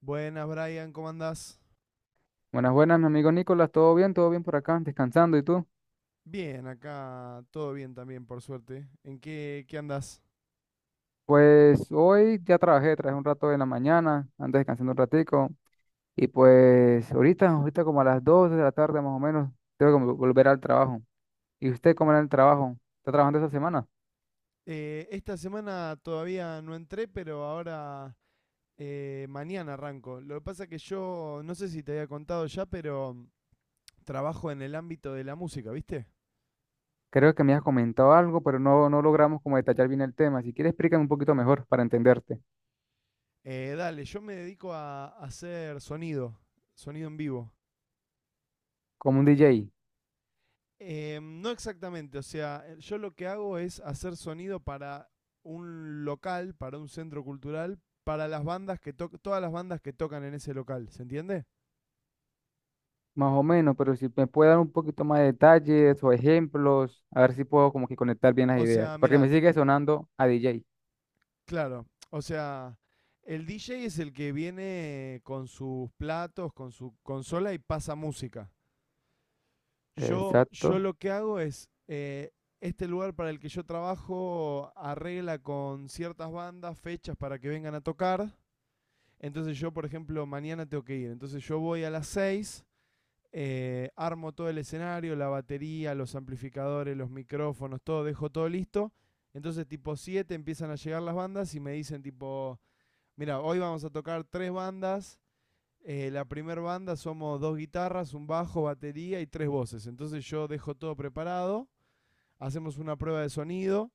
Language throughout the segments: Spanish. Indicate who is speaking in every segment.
Speaker 1: Buenas, Brian, ¿cómo andás?
Speaker 2: Buenas, buenas, mi amigo Nicolás, ¿todo bien? ¿Todo bien por acá? ¿Descansando y tú?
Speaker 1: Bien, acá todo bien también, por suerte. ¿Qué andás?
Speaker 2: Pues hoy ya trabajé, trabajé un rato en la mañana, antes descansando un ratico, y pues ahorita, ahorita como a las 2 de la tarde más o menos, tengo que volver al trabajo. ¿Y usted cómo era el trabajo? ¿Está trabajando esta semana?
Speaker 1: Esta semana todavía no entré, pero ahora mañana arranco. Lo que pasa es que yo, no sé si te había contado ya, pero trabajo en el ámbito de la música, ¿viste?
Speaker 2: Creo que me has comentado algo, pero no, no logramos como detallar bien el tema. Si quieres, explícame un poquito mejor para entenderte,
Speaker 1: Dale, yo me dedico a hacer sonido, sonido en vivo.
Speaker 2: como un DJ,
Speaker 1: No exactamente, o sea, yo lo que hago es hacer sonido para un local, para un centro cultural, para las bandas que tocan, todas las bandas que tocan en ese local, ¿se entiende?
Speaker 2: más o menos, pero si me puede dar un poquito más de detalles o ejemplos, a ver si puedo como que conectar bien las
Speaker 1: O
Speaker 2: ideas,
Speaker 1: sea,
Speaker 2: porque
Speaker 1: mirá,
Speaker 2: me sigue sonando a DJ.
Speaker 1: claro, o sea, el DJ es el que viene con sus platos, con su consola y pasa música. Yo
Speaker 2: Exacto.
Speaker 1: lo que hago es, este lugar para el que yo trabajo arregla con ciertas bandas fechas para que vengan a tocar. Entonces yo, por ejemplo, mañana tengo que ir. Entonces yo voy a las seis, armo todo el escenario, la batería, los amplificadores, los micrófonos, todo, dejo todo listo. Entonces tipo 7 empiezan a llegar las bandas y me dicen tipo, mira, hoy vamos a tocar tres bandas. La primera banda somos dos guitarras, un bajo, batería y tres voces. Entonces yo dejo todo preparado, hacemos una prueba de sonido.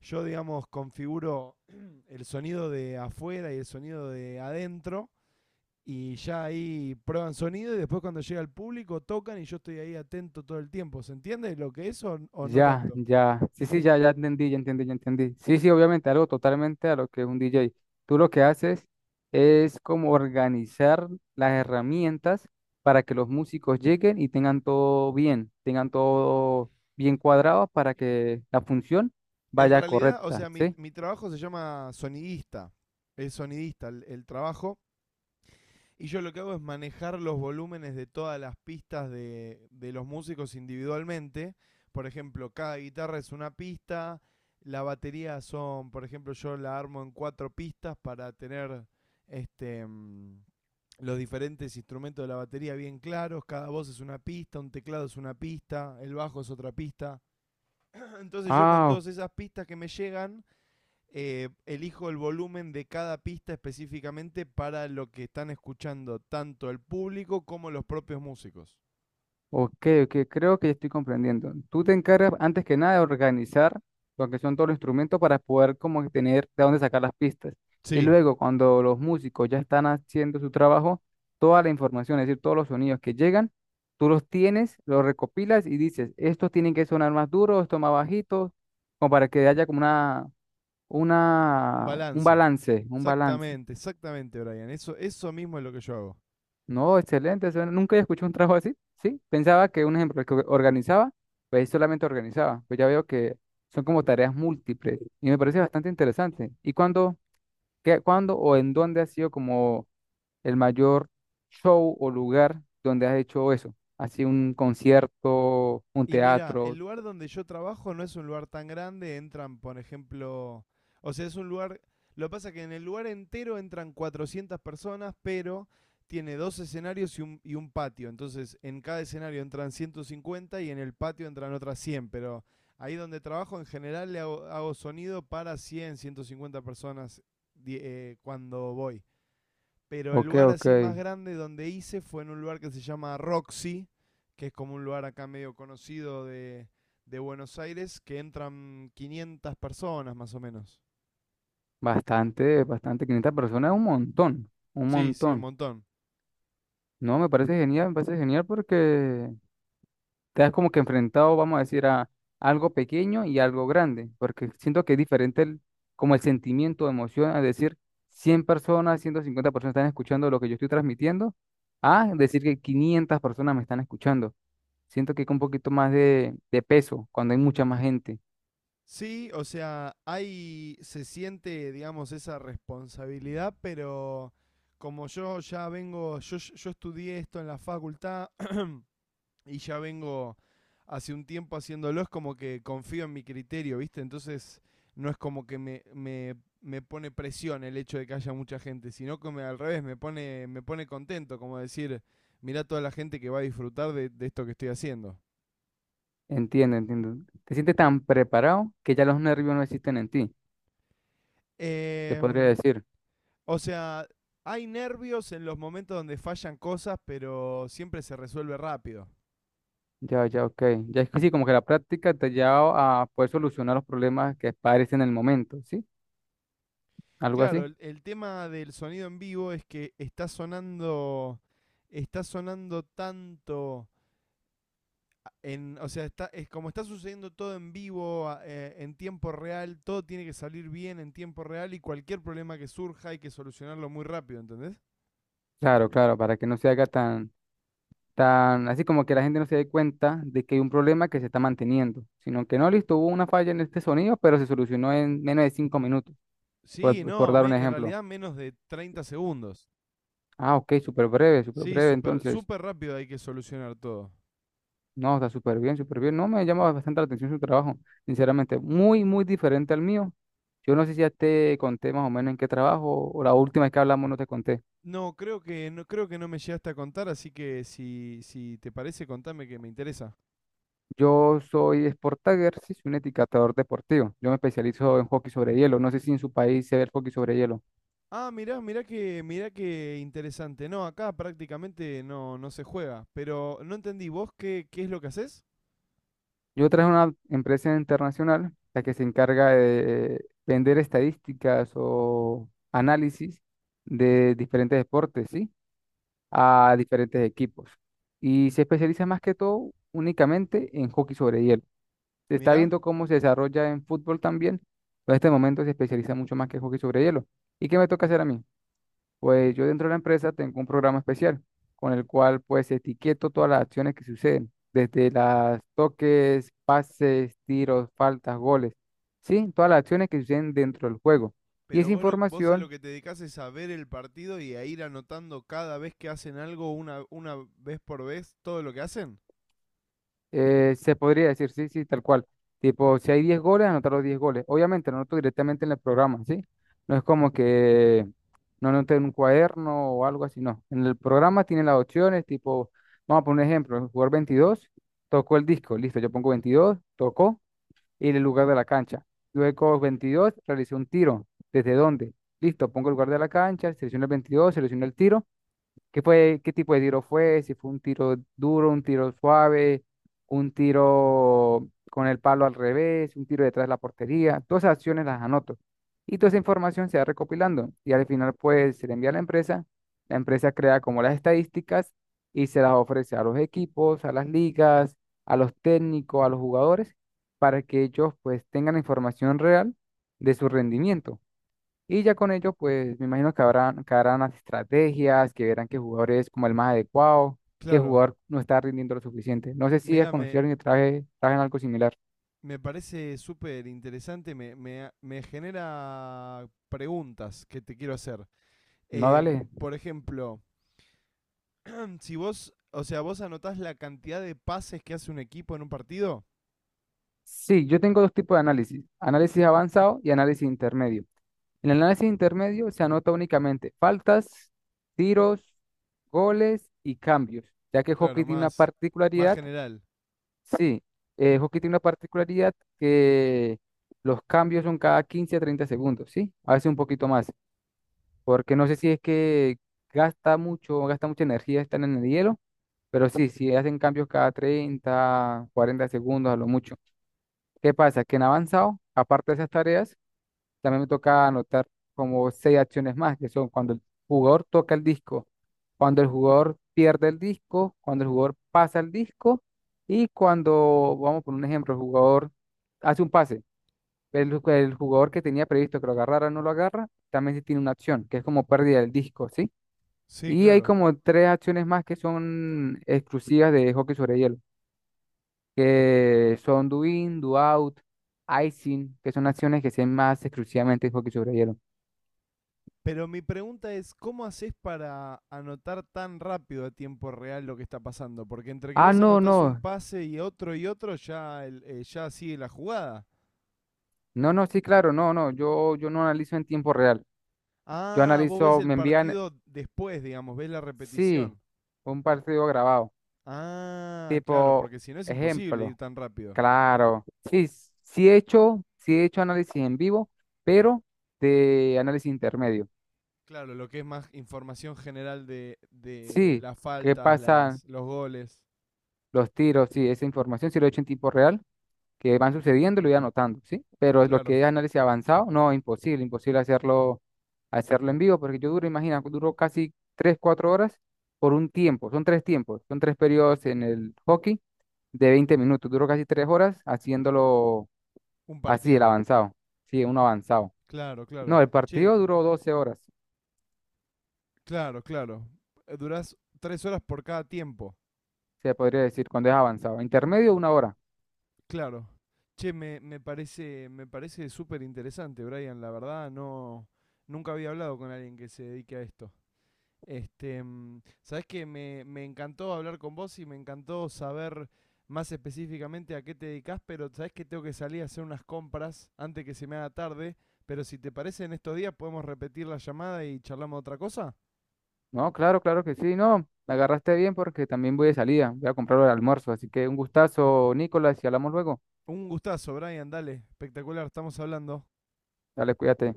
Speaker 1: Yo, digamos, configuro el sonido de afuera y el sonido de adentro y ya ahí prueban sonido y después cuando llega el público tocan y yo estoy ahí atento todo el tiempo. ¿Se entiende lo que es o no
Speaker 2: Ya,
Speaker 1: tanto?
Speaker 2: ya. Sí, sí, ya, ya entendí, ya entendí, ya entendí. Sí, sí, obviamente, algo totalmente a lo que es un DJ. Tú lo que haces es como organizar las herramientas para que los músicos lleguen y tengan todo bien cuadrado para que la función
Speaker 1: En
Speaker 2: vaya
Speaker 1: realidad, o
Speaker 2: correcta,
Speaker 1: sea, mi,
Speaker 2: ¿sí?
Speaker 1: mi trabajo se llama sonidista. Es sonidista el trabajo. Y yo lo que hago es manejar los volúmenes de todas las pistas de los músicos individualmente. Por ejemplo, cada guitarra es una pista. La batería son, por ejemplo, yo la armo en cuatro pistas para tener este los diferentes instrumentos de la batería bien claros, cada voz es una pista, un teclado es una pista, el bajo es otra pista. Entonces yo con
Speaker 2: Ah,
Speaker 1: todas esas pistas que me llegan, elijo el volumen de cada pista específicamente para lo que están escuchando tanto el público como los propios músicos.
Speaker 2: ok, ok, creo que ya estoy comprendiendo. Tú te encargas antes que nada de organizar lo que son todos los instrumentos para poder como que tener de dónde sacar las pistas. Y
Speaker 1: Sí.
Speaker 2: luego cuando los músicos ya están haciendo su trabajo, toda la información, es decir, todos los sonidos que llegan, tú los tienes, los recopilas y dices, estos tienen que sonar más duros, estos más bajitos, como para que haya como
Speaker 1: Un
Speaker 2: un
Speaker 1: balance.
Speaker 2: balance, un balance.
Speaker 1: Exactamente, exactamente, Brian. Eso mismo es lo que yo hago.
Speaker 2: No, excelente. Eso nunca había escuchado un trabajo así, ¿sí? Pensaba que un ejemplo, el que organizaba, pues solamente organizaba. Pues ya veo que son como tareas múltiples y me parece bastante interesante. ¿Y cuándo o en dónde ha sido como el mayor show o lugar donde has hecho eso? ¿Así un concierto, un
Speaker 1: Y mira, el
Speaker 2: teatro?
Speaker 1: lugar donde yo trabajo no es un lugar tan grande, entran, por ejemplo, o sea, es un lugar, lo que pasa es que en el lugar entero entran 400 personas, pero tiene dos escenarios y un patio, entonces en cada escenario entran 150 y en el patio entran otras 100, pero ahí donde trabajo en general le hago, hago sonido para 100, 150 personas cuando voy. Pero el
Speaker 2: Ok,
Speaker 1: lugar
Speaker 2: ok.
Speaker 1: así más grande donde hice fue en un lugar que se llama Roxy, que es como un lugar acá medio conocido de Buenos Aires, que entran 500 personas más o menos.
Speaker 2: Bastante, bastante. 500 personas, es un montón, un
Speaker 1: Sí, sí, un
Speaker 2: montón.
Speaker 1: montón.
Speaker 2: No, me parece genial porque te has como que enfrentado, vamos a decir, a algo pequeño y algo grande, porque siento que es diferente el, como el sentimiento, emoción, a decir 100 personas, 150 personas están escuchando lo que yo estoy transmitiendo, a decir que 500 personas me están escuchando. Siento que es un poquito más de peso cuando hay mucha más gente.
Speaker 1: Sí, o sea, hay, se siente, digamos, esa responsabilidad, pero como yo ya vengo, yo estudié esto en la facultad, y ya vengo hace un tiempo haciéndolo, es como que confío en mi criterio, ¿viste? Entonces no es como que me pone presión el hecho de que haya mucha gente, sino que al revés, me pone contento, como decir, mirá toda la gente que va a disfrutar de esto que estoy haciendo.
Speaker 2: Entiendo, entiendo. Te sientes tan preparado que ya los nervios no existen en ti, te podría
Speaker 1: Em,
Speaker 2: decir.
Speaker 1: o sea, hay nervios en los momentos donde fallan cosas, pero siempre se resuelve rápido.
Speaker 2: Ya, ya, ok. Ya es que sí, como que la práctica te ha llevado a poder solucionar los problemas que aparecen en el momento, ¿sí? Algo
Speaker 1: Claro,
Speaker 2: así.
Speaker 1: el tema del sonido en vivo es que está sonando tanto. En, o sea, está, es como está sucediendo todo en vivo, en tiempo real, todo tiene que salir bien en tiempo real y cualquier problema que surja hay que solucionarlo muy rápido, ¿entendés?
Speaker 2: Claro, claro, para que no se haga tan, así como que la gente no se dé cuenta de que hay un problema que se está manteniendo, sino que no, listo, hubo una falla en este sonido, pero se solucionó en menos de 5 minutos,
Speaker 1: Sí,
Speaker 2: por
Speaker 1: no,
Speaker 2: dar un
Speaker 1: en
Speaker 2: ejemplo.
Speaker 1: realidad menos de 30 segundos.
Speaker 2: Ah, ok, súper
Speaker 1: Sí,
Speaker 2: breve,
Speaker 1: súper
Speaker 2: entonces,
Speaker 1: súper rápido hay que solucionar todo.
Speaker 2: no, está súper bien, súper bien. No, me llama bastante la atención su trabajo, sinceramente, muy, muy diferente al mío. Yo no sé si ya te conté más o menos en qué trabajo, o la última vez que hablamos no te conté.
Speaker 1: No, creo que no, creo que no me llegaste a contar, así que si, si te parece, contame que me interesa.
Speaker 2: Yo soy Sport Tagger, sí, soy un etiquetador deportivo. Yo me especializo en hockey sobre hielo. No sé si en su país se ve el hockey sobre hielo.
Speaker 1: Ah, mirá, mirá que interesante. No, acá prácticamente no, no se juega. Pero no entendí, ¿vos qué, qué es lo que haces?
Speaker 2: Yo traje una empresa internacional, la que se encarga de vender estadísticas o análisis de diferentes deportes, ¿sí? A diferentes equipos. Y se especializa más que todo únicamente en hockey sobre hielo. Se está
Speaker 1: Mirá.
Speaker 2: viendo cómo se desarrolla en fútbol también, pero en este momento se especializa mucho más que hockey sobre hielo. ¿Y qué me toca hacer a mí? Pues yo dentro de la empresa tengo un programa especial con el cual pues etiqueto todas las acciones que suceden, desde las toques, pases, tiros, faltas, goles, sí, todas las acciones que suceden dentro del juego. Y
Speaker 1: Pero
Speaker 2: esa
Speaker 1: vos, vos a lo
Speaker 2: información.
Speaker 1: que te dedicás es a ver el partido y a ir anotando cada vez que hacen algo, una vez por vez, todo lo que hacen.
Speaker 2: Se podría decir, sí, sí, tal cual. Tipo, si hay 10 goles, anotar los 10 goles. Obviamente, no anoto directamente en el programa, ¿sí? No es como que no anoté en un cuaderno o algo así, no. En el programa tienen las opciones, tipo, vamos a poner un ejemplo, el jugador 22 tocó el disco, listo, yo pongo 22 tocó, y el lugar de la cancha. Luego 22 realicé un tiro, ¿desde dónde? Listo, pongo el lugar de la cancha, selecciono el 22, selecciono el tiro. ¿Qué fue, qué tipo de tiro fue? Si fue un tiro duro, un tiro suave, un tiro con el palo al revés, un tiro detrás de la portería. Todas esas acciones las anoto. Y toda esa información se va recopilando. Y al final, pues, se le envía a la empresa. La empresa crea como las estadísticas y se las ofrece a los equipos, a las ligas, a los técnicos, a los jugadores, para que ellos, pues, tengan información real de su rendimiento. Y ya con ello, pues me imagino que que harán las estrategias, que verán qué jugador es como el más adecuado, qué
Speaker 1: Claro.
Speaker 2: jugador no está rindiendo lo suficiente. No sé si has
Speaker 1: Mirá, me,
Speaker 2: conocido a alguien que traje en algo similar.
Speaker 1: me parece súper interesante, me genera preguntas que te quiero hacer.
Speaker 2: No, dale.
Speaker 1: Em, por ejemplo, si vos, o sea, vos anotás la cantidad de pases que hace un equipo en un partido,
Speaker 2: Sí, yo tengo dos tipos de análisis, análisis avanzado y análisis intermedio. En el análisis intermedio se anota únicamente faltas, tiros, goles y cambios, ya que el
Speaker 1: claro,
Speaker 2: hockey tiene una
Speaker 1: más
Speaker 2: particularidad.
Speaker 1: general.
Speaker 2: Sí, hockey tiene una particularidad que los cambios son cada 15 a 30 segundos, ¿sí? A veces un poquito más, porque no sé si es que gasta mucha energía estar en el hielo, pero sí, sí hacen cambios cada 30, 40 segundos a lo mucho. ¿Qué pasa? Que en avanzado, aparte de esas tareas, también me toca anotar como seis acciones más, que son cuando el jugador toca el disco, cuando el jugador pierde el disco, cuando el jugador pasa el disco y cuando, vamos por un ejemplo, el jugador hace un pase. El jugador que tenía previsto que lo agarrara no lo agarra, también sí tiene una acción, que es como pérdida del disco, ¿sí?
Speaker 1: Sí,
Speaker 2: Y hay
Speaker 1: claro.
Speaker 2: como tres acciones más que son exclusivas de hockey sobre hielo, que son do in, do out, icing, que son acciones que se hacen más exclusivamente en hockey sobre hielo.
Speaker 1: Pero mi pregunta es, ¿cómo haces para anotar tan rápido a tiempo real lo que está pasando? Porque entre que
Speaker 2: Ah,
Speaker 1: vos
Speaker 2: no, no,
Speaker 1: anotás un pase y otro, ya, ya sigue la jugada.
Speaker 2: no, no, sí, claro, no, no, yo no analizo en tiempo real. Yo
Speaker 1: Ah, vos ves
Speaker 2: analizo,
Speaker 1: el
Speaker 2: me envían,
Speaker 1: partido después, digamos, ves la
Speaker 2: sí,
Speaker 1: repetición.
Speaker 2: un partido grabado,
Speaker 1: Ah, claro,
Speaker 2: tipo,
Speaker 1: porque si no es imposible ir
Speaker 2: ejemplo,
Speaker 1: tan rápido.
Speaker 2: claro, sí, sí he hecho análisis en vivo, pero de análisis intermedio.
Speaker 1: Claro, lo que es más información general de
Speaker 2: Sí,
Speaker 1: las
Speaker 2: qué
Speaker 1: faltas,
Speaker 2: pasan
Speaker 1: los goles.
Speaker 2: los tiros, sí, esa información sí lo he hecho en tiempo real, que van sucediendo lo voy anotando, ¿sí? Pero lo que
Speaker 1: Claro,
Speaker 2: es análisis avanzado, no, imposible, imposible hacerlo, hacerlo en vivo, porque yo duro, imagina, duro casi 3 4 horas por un tiempo, son tres tiempos, son tres periodos en el hockey de 20 minutos, duro casi 3 horas haciéndolo
Speaker 1: un
Speaker 2: así, el
Speaker 1: partido.
Speaker 2: avanzado, sí, uno avanzado.
Speaker 1: Claro,
Speaker 2: No,
Speaker 1: claro.
Speaker 2: el
Speaker 1: Che,
Speaker 2: partido duró 12 horas,
Speaker 1: claro, claro. Durás 3 horas por cada tiempo.
Speaker 2: se podría decir, cuando es avanzado. Intermedio, una hora.
Speaker 1: Claro. Che, me parece, me parece súper interesante, Brian. La verdad, no, nunca había hablado con alguien que se dedique a esto. Este, mm, sabés que me encantó hablar con vos y me encantó saber más específicamente a qué te dedicas, pero sabés que tengo que salir a hacer unas compras antes que se me haga tarde. Pero si te parece, en estos días podemos repetir la llamada y charlamos de otra cosa.
Speaker 2: No, claro, claro que sí, no. La agarraste bien porque también voy de salida. Voy a comprar el almuerzo. Así que un gustazo, Nicolás, y hablamos luego.
Speaker 1: Un gustazo, Brian, dale, espectacular, estamos hablando.
Speaker 2: Dale, cuídate.